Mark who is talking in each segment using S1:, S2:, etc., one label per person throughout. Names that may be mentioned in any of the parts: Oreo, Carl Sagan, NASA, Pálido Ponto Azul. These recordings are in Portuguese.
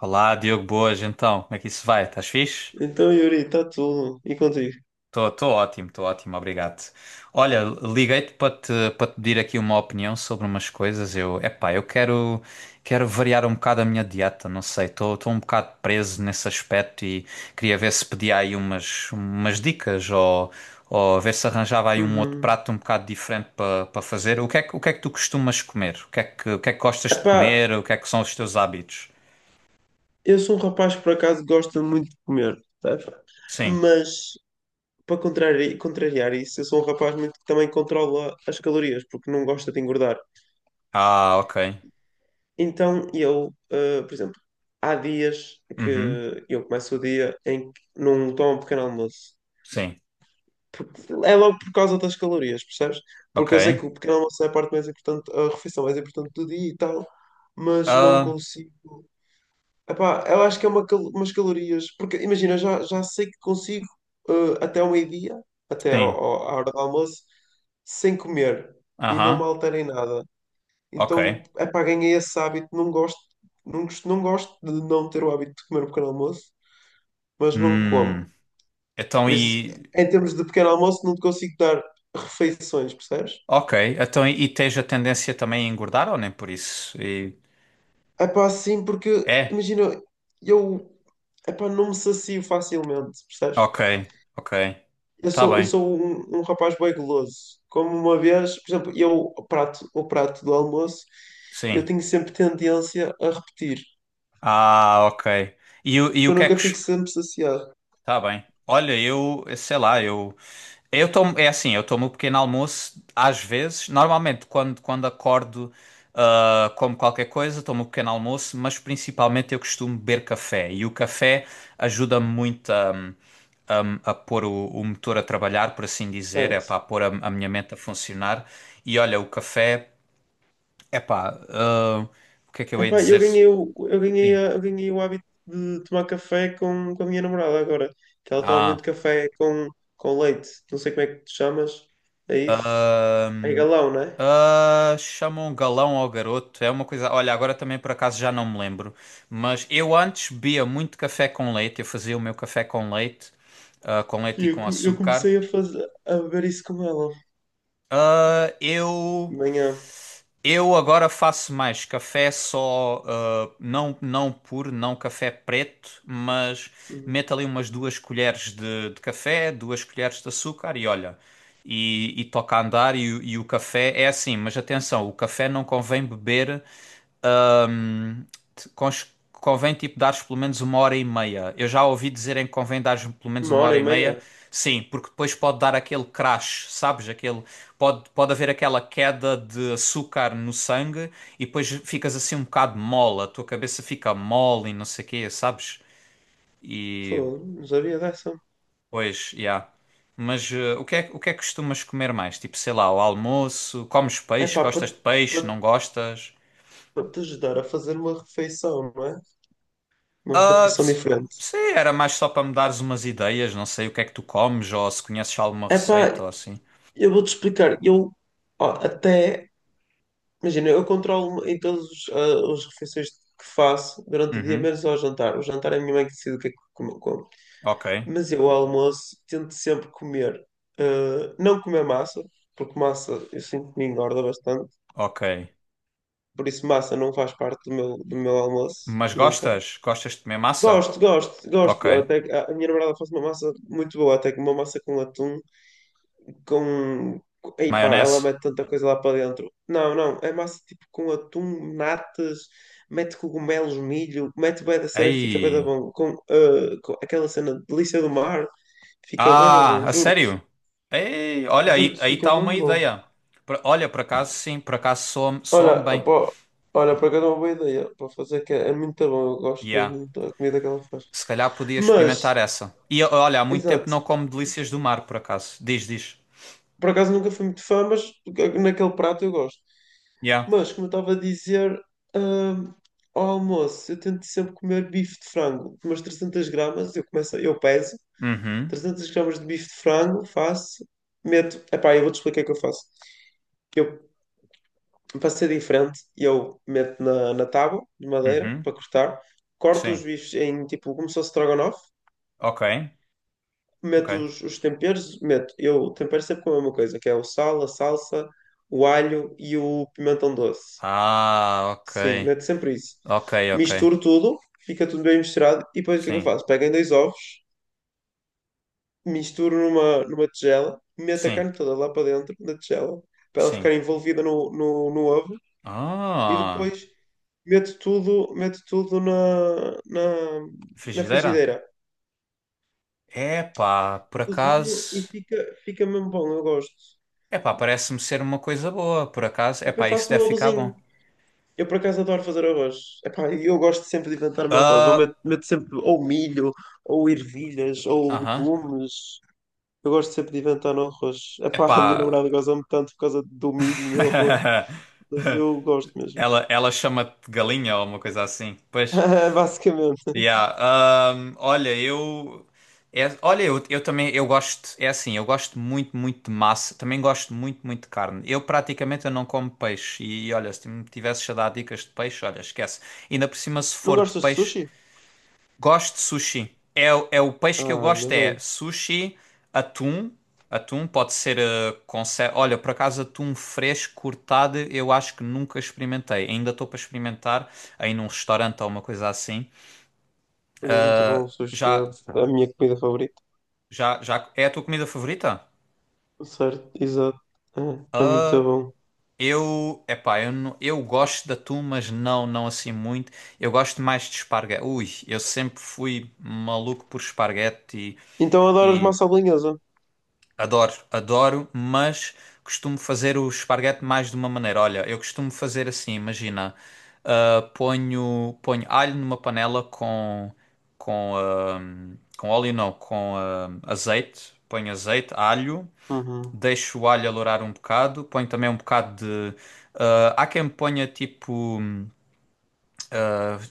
S1: Olá, Diogo, boas, então, como é que isso vai? Estás fixe?
S2: Então, Yuri, está tudo. E contigo?
S1: Estou ótimo, obrigado. Olha, liguei-te para te pedir aqui uma opinião sobre umas coisas. Eu quero variar um bocado a minha dieta, não sei, estou um bocado preso nesse aspecto e queria ver se pedia aí umas dicas ou ver se arranjava aí um outro
S2: Uhum.
S1: prato um bocado diferente para fazer. O que é que tu costumas comer? O que é que gostas de
S2: Epá,
S1: comer? O que é que são os teus hábitos?
S2: eu sou um rapaz que por acaso gosta muito de comer, sabes?
S1: Sim.
S2: Mas, para contrariar isso, eu sou um rapaz muito que também controla as calorias, porque não gosta de engordar.
S1: Ah, ok.
S2: Então, eu, por exemplo, há dias
S1: Uhum.
S2: que eu começo o dia em que não tomo um pequeno almoço.
S1: Sim,
S2: É logo por causa das calorias, percebes? Porque eu sei
S1: ok.
S2: que o pequeno almoço é a parte mais importante, a refeição mais importante do dia e tal, mas não
S1: Ah,
S2: consigo. Epá, eu acho que é umas calorias, porque imagina, eu já sei que consigo até ao meio-dia,
S1: sim,
S2: à hora do almoço, sem comer e não me
S1: aham,
S2: altera em nada.
S1: ok.
S2: Então, epá, ganhei esse hábito, não gosto, não gosto de não ter o hábito de comer o pequeno almoço, mas não
S1: Hum,
S2: como.
S1: então
S2: Por isso,
S1: e...
S2: em termos de pequeno almoço, não te consigo dar refeições, percebes?
S1: Ok, então e tens a tendência também a engordar ou nem por isso? E-
S2: Epá, sim, porque
S1: é?
S2: imagina, eu epá, não me sacio facilmente, percebes?
S1: Ok, ok. Tá
S2: Eu
S1: bem,
S2: sou um rapaz bem guloso. Como uma vez, por exemplo, eu o prato do almoço, eu
S1: sim.
S2: tenho sempre tendência a repetir,
S1: Ah, ok. E
S2: porque
S1: o
S2: eu
S1: que é que?
S2: nunca fico sempre saciado.
S1: Tá bem. Olha, eu, sei lá, é assim, eu tomo o pequeno almoço às vezes, normalmente quando acordo, como qualquer coisa, tomo o pequeno almoço, mas principalmente eu costumo beber café e o café ajuda-me muito a, a pôr o motor a trabalhar, por assim dizer, é
S2: Certo.
S1: para pôr a minha mente a funcionar. E olha, o café, é pá, o que é que eu ia
S2: Epá,
S1: dizer? Sim.
S2: eu ganhei o hábito de tomar café com a minha namorada agora, que ela toma muito
S1: Ah,
S2: café com leite. Não sei como é que te chamas. É isso? É
S1: Ahm,
S2: galão, não é?
S1: Ah, chamam galão ao garoto. É uma coisa. Olha, agora também por acaso já não me lembro. Mas eu antes bebia muito café com leite. Eu fazia o meu café com leite, com leite
S2: E
S1: e com
S2: eu
S1: açúcar.
S2: comecei a fazer, a beber isso com ela
S1: Ah,
S2: de
S1: eu
S2: manhã.
S1: eu agora faço mais café só, não puro, não café preto, mas
S2: Hum.
S1: meto ali umas duas colheres de café, duas colheres de açúcar e olha. E toca a andar e, e o café é assim, mas atenção, o café não convém beber. Ahm, Convém tipo dares pelo menos uma hora e meia. Eu já ouvi dizerem que convém dares pelo menos
S2: Uma
S1: uma
S2: hora
S1: hora
S2: e
S1: e meia.
S2: meia.
S1: Sim, porque depois pode dar aquele crash, sabes? Aquele, pode haver aquela queda de açúcar no sangue e depois ficas assim um bocado mole, a tua cabeça fica mole e não sei o quê, sabes? E
S2: Pô, não sabia dessa.
S1: pois, já. Mas o que é que costumas comer mais? Tipo, sei lá, o almoço, comes
S2: É
S1: peixe,
S2: pá,
S1: gostas
S2: para
S1: de peixe, não gostas?
S2: te ajudar a fazer uma refeição, não é? Uma
S1: Ah,
S2: refeição diferente.
S1: sim, era mais só para me dares umas ideias, não sei o que é que tu comes ou se conheces alguma
S2: É
S1: receita ou
S2: pá,
S1: assim.
S2: eu vou-te explicar. Eu, ó, até, imagina, eu controlo em todas as refeições que faço durante o dia,
S1: Uhum,
S2: menos ao jantar. O jantar é a minha mãe que decide o que é que como.
S1: ok,
S2: Mas eu, ao almoço, tento sempre comer, não comer massa, porque massa eu sinto que me engorda bastante.
S1: ok.
S2: Por isso, massa não faz parte do meu almoço,
S1: Mas
S2: nunca.
S1: gostas? Gostas de comer massa?
S2: Gosto, gosto, gosto.
S1: Ok.
S2: Até que a minha namorada faz uma massa muito boa, até que uma massa com atum, Ei pá, ela
S1: Maionese?
S2: mete tanta coisa lá para dentro. Não, não, é massa tipo com atum, natas, mete cogumelos, milho, mete bué da cera, fica bué da
S1: Ei.
S2: bom. Com, com aquela cena de delícia do mar, fica bué da
S1: Ah,
S2: bom,
S1: a
S2: juro-te.
S1: sério? Ei, olha, aí
S2: Juro-te,
S1: aí
S2: fica
S1: está uma
S2: mesmo bom.
S1: ideia. Olha, por acaso sim, por acaso soa-me
S2: Olha,
S1: soa-me bem.
S2: pá, olha, por acaso é uma boa ideia para fazer, que é, é muito bom, eu gosto
S1: Yeah.
S2: mesmo da comida que ela faz.
S1: Se calhar podia
S2: Mas,
S1: experimentar essa. E olha, há muito tempo não
S2: exato.
S1: como delícias do mar, por acaso. Diz, diz.
S2: Por acaso nunca fui muito fã, mas naquele prato eu gosto.
S1: Yeah.
S2: Mas, como eu estava a dizer, hum, ao almoço eu tento sempre comer bife de frango, umas 300 gramas, eu peso
S1: Uhum,
S2: 300 gramas de bife de frango, faço, meto, epá, eu vou-te explicar o que eu faço. Eu, para ser diferente, eu meto na tábua de madeira
S1: uhum,
S2: para cortar, corto os
S1: sim.
S2: bifes em tipo como se fosse strogonoff,
S1: Ok,
S2: meto
S1: ok.
S2: os temperos, meto, eu tempero sempre com a mesma coisa, que é o sal, a salsa, o alho e o pimentão doce.
S1: Ah, ok.
S2: Sim, meto sempre isso.
S1: Ok, ok.
S2: Misturo tudo, fica tudo bem misturado e depois o que é que eu
S1: Sim,
S2: faço? Pego em dois ovos, misturo numa tigela, meto a
S1: sim,
S2: carne toda lá para dentro da tigela, para ela
S1: sim.
S2: ficar envolvida no ovo e
S1: Ah,
S2: depois meto tudo na
S1: frigideira?
S2: frigideira.
S1: Epá, por
S2: Cozinho e
S1: acaso.
S2: fica mesmo bom, eu gosto.
S1: Epá, parece-me ser uma coisa boa, por acaso.
S2: E depois
S1: Epá, isso
S2: faço o
S1: deve
S2: meu
S1: ficar
S2: arrozinho.
S1: bom.
S2: Eu por acaso adoro fazer arroz. Epá, e eu gosto sempre de inventar meu arroz. Ou meto sempre ou milho, ou ervilhas,
S1: Ah,
S2: ou
S1: aham.
S2: legumes. Eu gosto sempre de inventar no arroz. Epá, a
S1: Epá.
S2: minha namorada goza-me tanto por causa do milho no arroz. Mas eu gosto mesmo.
S1: Ela chama-te galinha ou uma coisa assim. Pois.
S2: Basicamente.
S1: Yeah, olha, eu, olha, eu também, é assim, eu gosto muito, muito de massa, também gosto muito, muito de carne. Eu praticamente eu não como peixe olha, se me tivesses a dar dicas de peixe, olha, esquece. Ainda por cima, se
S2: Não
S1: for de
S2: gostas de
S1: peixe,
S2: sushi?
S1: gosto de sushi. É, é o peixe que eu
S2: Ah,
S1: gosto,
S2: ainda
S1: é
S2: bem.
S1: sushi, atum, atum pode ser, com olha, por acaso atum fresco, cortado, eu acho que nunca experimentei. Ainda estou para experimentar aí num restaurante ou uma coisa assim.
S2: E é muito bom o sushi. É
S1: Já
S2: a minha comida favorita.
S1: já é a tua comida favorita?
S2: Certo, exato. É, é muito bom.
S1: Eu, epá, eu, não- eu gosto de atum, mas não, não assim muito. Eu gosto mais de esparguete. Ui, eu sempre fui maluco por esparguete
S2: Então adoras
S1: e
S2: massa bolonhesa?
S1: adoro, adoro, mas costumo fazer o esparguete mais de uma maneira. Olha, eu costumo fazer assim, imagina, ponho alho numa panela com, ah, com óleo não, com azeite, ponho azeite, alho.
S2: Uhum.
S1: Deixo o alho alourar um bocado, ponho também um bocado de. Há quem ponha tipo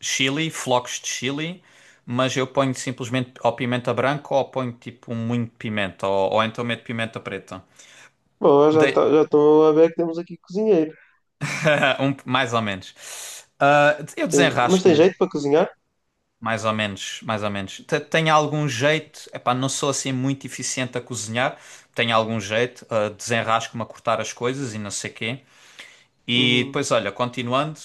S1: chili, flocos de chili, mas eu ponho simplesmente ou pimenta branca ou ponho tipo muito pimenta, ou então meto pimenta preta.
S2: Bom,
S1: Dei-
S2: já estou a ver que temos aqui cozinheiro.
S1: mais ou menos. Ah, eu
S2: Mas tem
S1: desenrasco-me,
S2: jeito para cozinhar?
S1: mais ou menos, mais ou menos. Tenho algum jeito, epá, não sou assim muito eficiente a cozinhar, tenho algum jeito, desenrasco-me a cortar as coisas e não sei quê. E
S2: Uhum.
S1: depois, olha, continuando.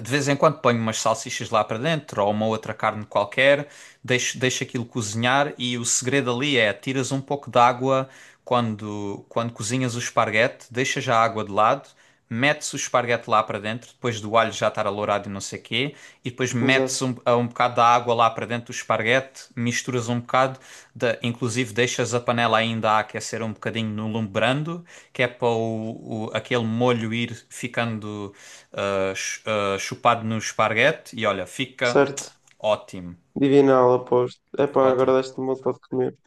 S1: De vez em quando ponho umas salsichas lá para dentro ou uma outra carne qualquer, deixo aquilo cozinhar e o segredo ali é tiras um pouco de água quando cozinhas o esparguete, deixas a água de lado, metes o esparguete lá para dentro, depois do alho já estar alourado e não sei quê, e depois metes
S2: Exato.
S1: um bocado da água lá para dentro do esparguete, misturas um bocado, inclusive deixas a panela ainda a aquecer um bocadinho no lume brando, que é para aquele molho ir ficando chupado no esparguete e olha, fica
S2: Certo.
S1: ótimo,
S2: Divinal, aposto. Epá, agora
S1: ótimo.
S2: deste-me vontade de comer.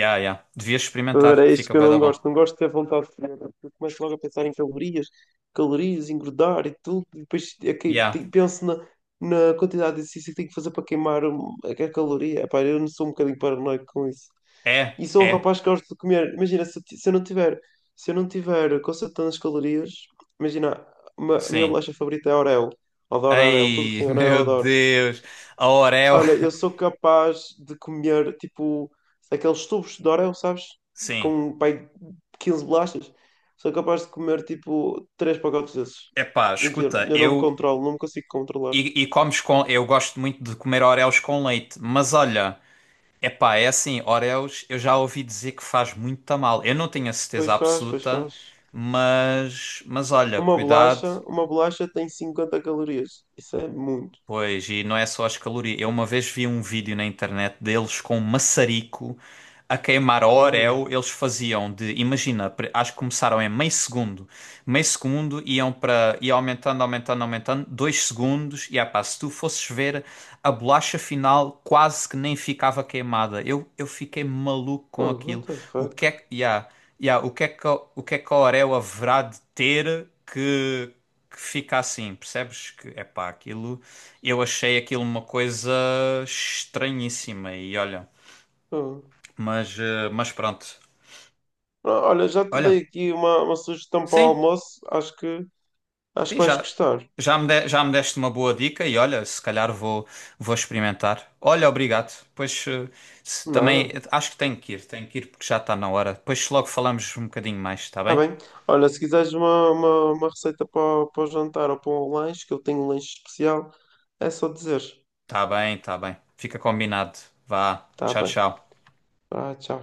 S1: Yeah, yeah. Devias experimentar,
S2: Agora, é isto
S1: fica
S2: que eu
S1: bué da
S2: não
S1: bom.
S2: gosto. Não gosto de ter vontade de comer, porque eu começo logo a pensar em calorias, calorias, engordar e tudo. E depois é que
S1: Yeah.
S2: penso na quantidade de exercício que tenho que fazer para queimar a caloria. Epá, eu não sou um bocadinho paranoico com isso.
S1: É,
S2: E sou um
S1: é,
S2: rapaz que gosta de comer. Imagina, se eu não tiver consertando as calorias, imagina, a minha
S1: sim.
S2: bolacha favorita é Oreo. Adoro Oreo. Tudo que
S1: Ei,
S2: tem Oreo,
S1: meu
S2: adoro.
S1: Deus, a Oreo.
S2: Olha, eu sou capaz de comer, tipo, aqueles tubos de Oreo, sabes?
S1: Sim.
S2: Com, pai, 15 bolachas. Sou capaz de comer, tipo, três pacotes desses.
S1: Epá,
S2: E que
S1: escuta,
S2: eu não me
S1: eu
S2: controlo, não me consigo controlar.
S1: e comes com, eu gosto muito de comer Oreos com leite, mas olha, epá, é assim, Oreos, eu já ouvi dizer que faz muito mal. Eu não tenho a
S2: Pois
S1: certeza
S2: faz, pois
S1: absoluta,
S2: faz.
S1: mas olha, cuidado.
S2: Uma bolacha tem 50 calorias. Isso é muito.
S1: Pois, e não é só as calorias. Eu uma vez vi um vídeo na internet deles com um maçarico a queimar a
S2: Hum.
S1: Oreo. Eles faziam de, imagina, acho que começaram em meio segundo. Meio segundo iam para, ia aumentando, aumentando, aumentando, dois segundos. E ah pá, se tu fosses ver, a bolacha final quase que nem ficava queimada. Eu fiquei maluco
S2: Pô,
S1: com
S2: what
S1: aquilo.
S2: the
S1: O que
S2: fuck?
S1: é que, Yeah, yeah. O que é que, a- o que é que a Oreo haverá de ter que, fica assim? Percebes que, é pá, aquilo. Eu achei aquilo uma coisa estranhíssima e olha,
S2: Oh.
S1: mas pronto.
S2: Ah, olha, já te dei
S1: Olha,
S2: aqui uma sugestão para o
S1: sim,
S2: almoço. Acho que
S1: sim,
S2: vais
S1: já,
S2: gostar.
S1: já me de- já me deste uma boa dica e olha, se calhar vou experimentar. Olha, obrigado. Pois também
S2: Nada.
S1: acho que tenho que ir porque já está na hora. Depois logo falamos um bocadinho mais, está
S2: Tá
S1: bem?
S2: bem. Olha, se quiseres uma receita para o jantar ou para o lanche, que eu tenho um lanche especial, é só dizer.
S1: Está bem, está bem. Fica combinado. Vá,
S2: Tá
S1: tchau,
S2: bem.
S1: tchau.
S2: Ah, tchau.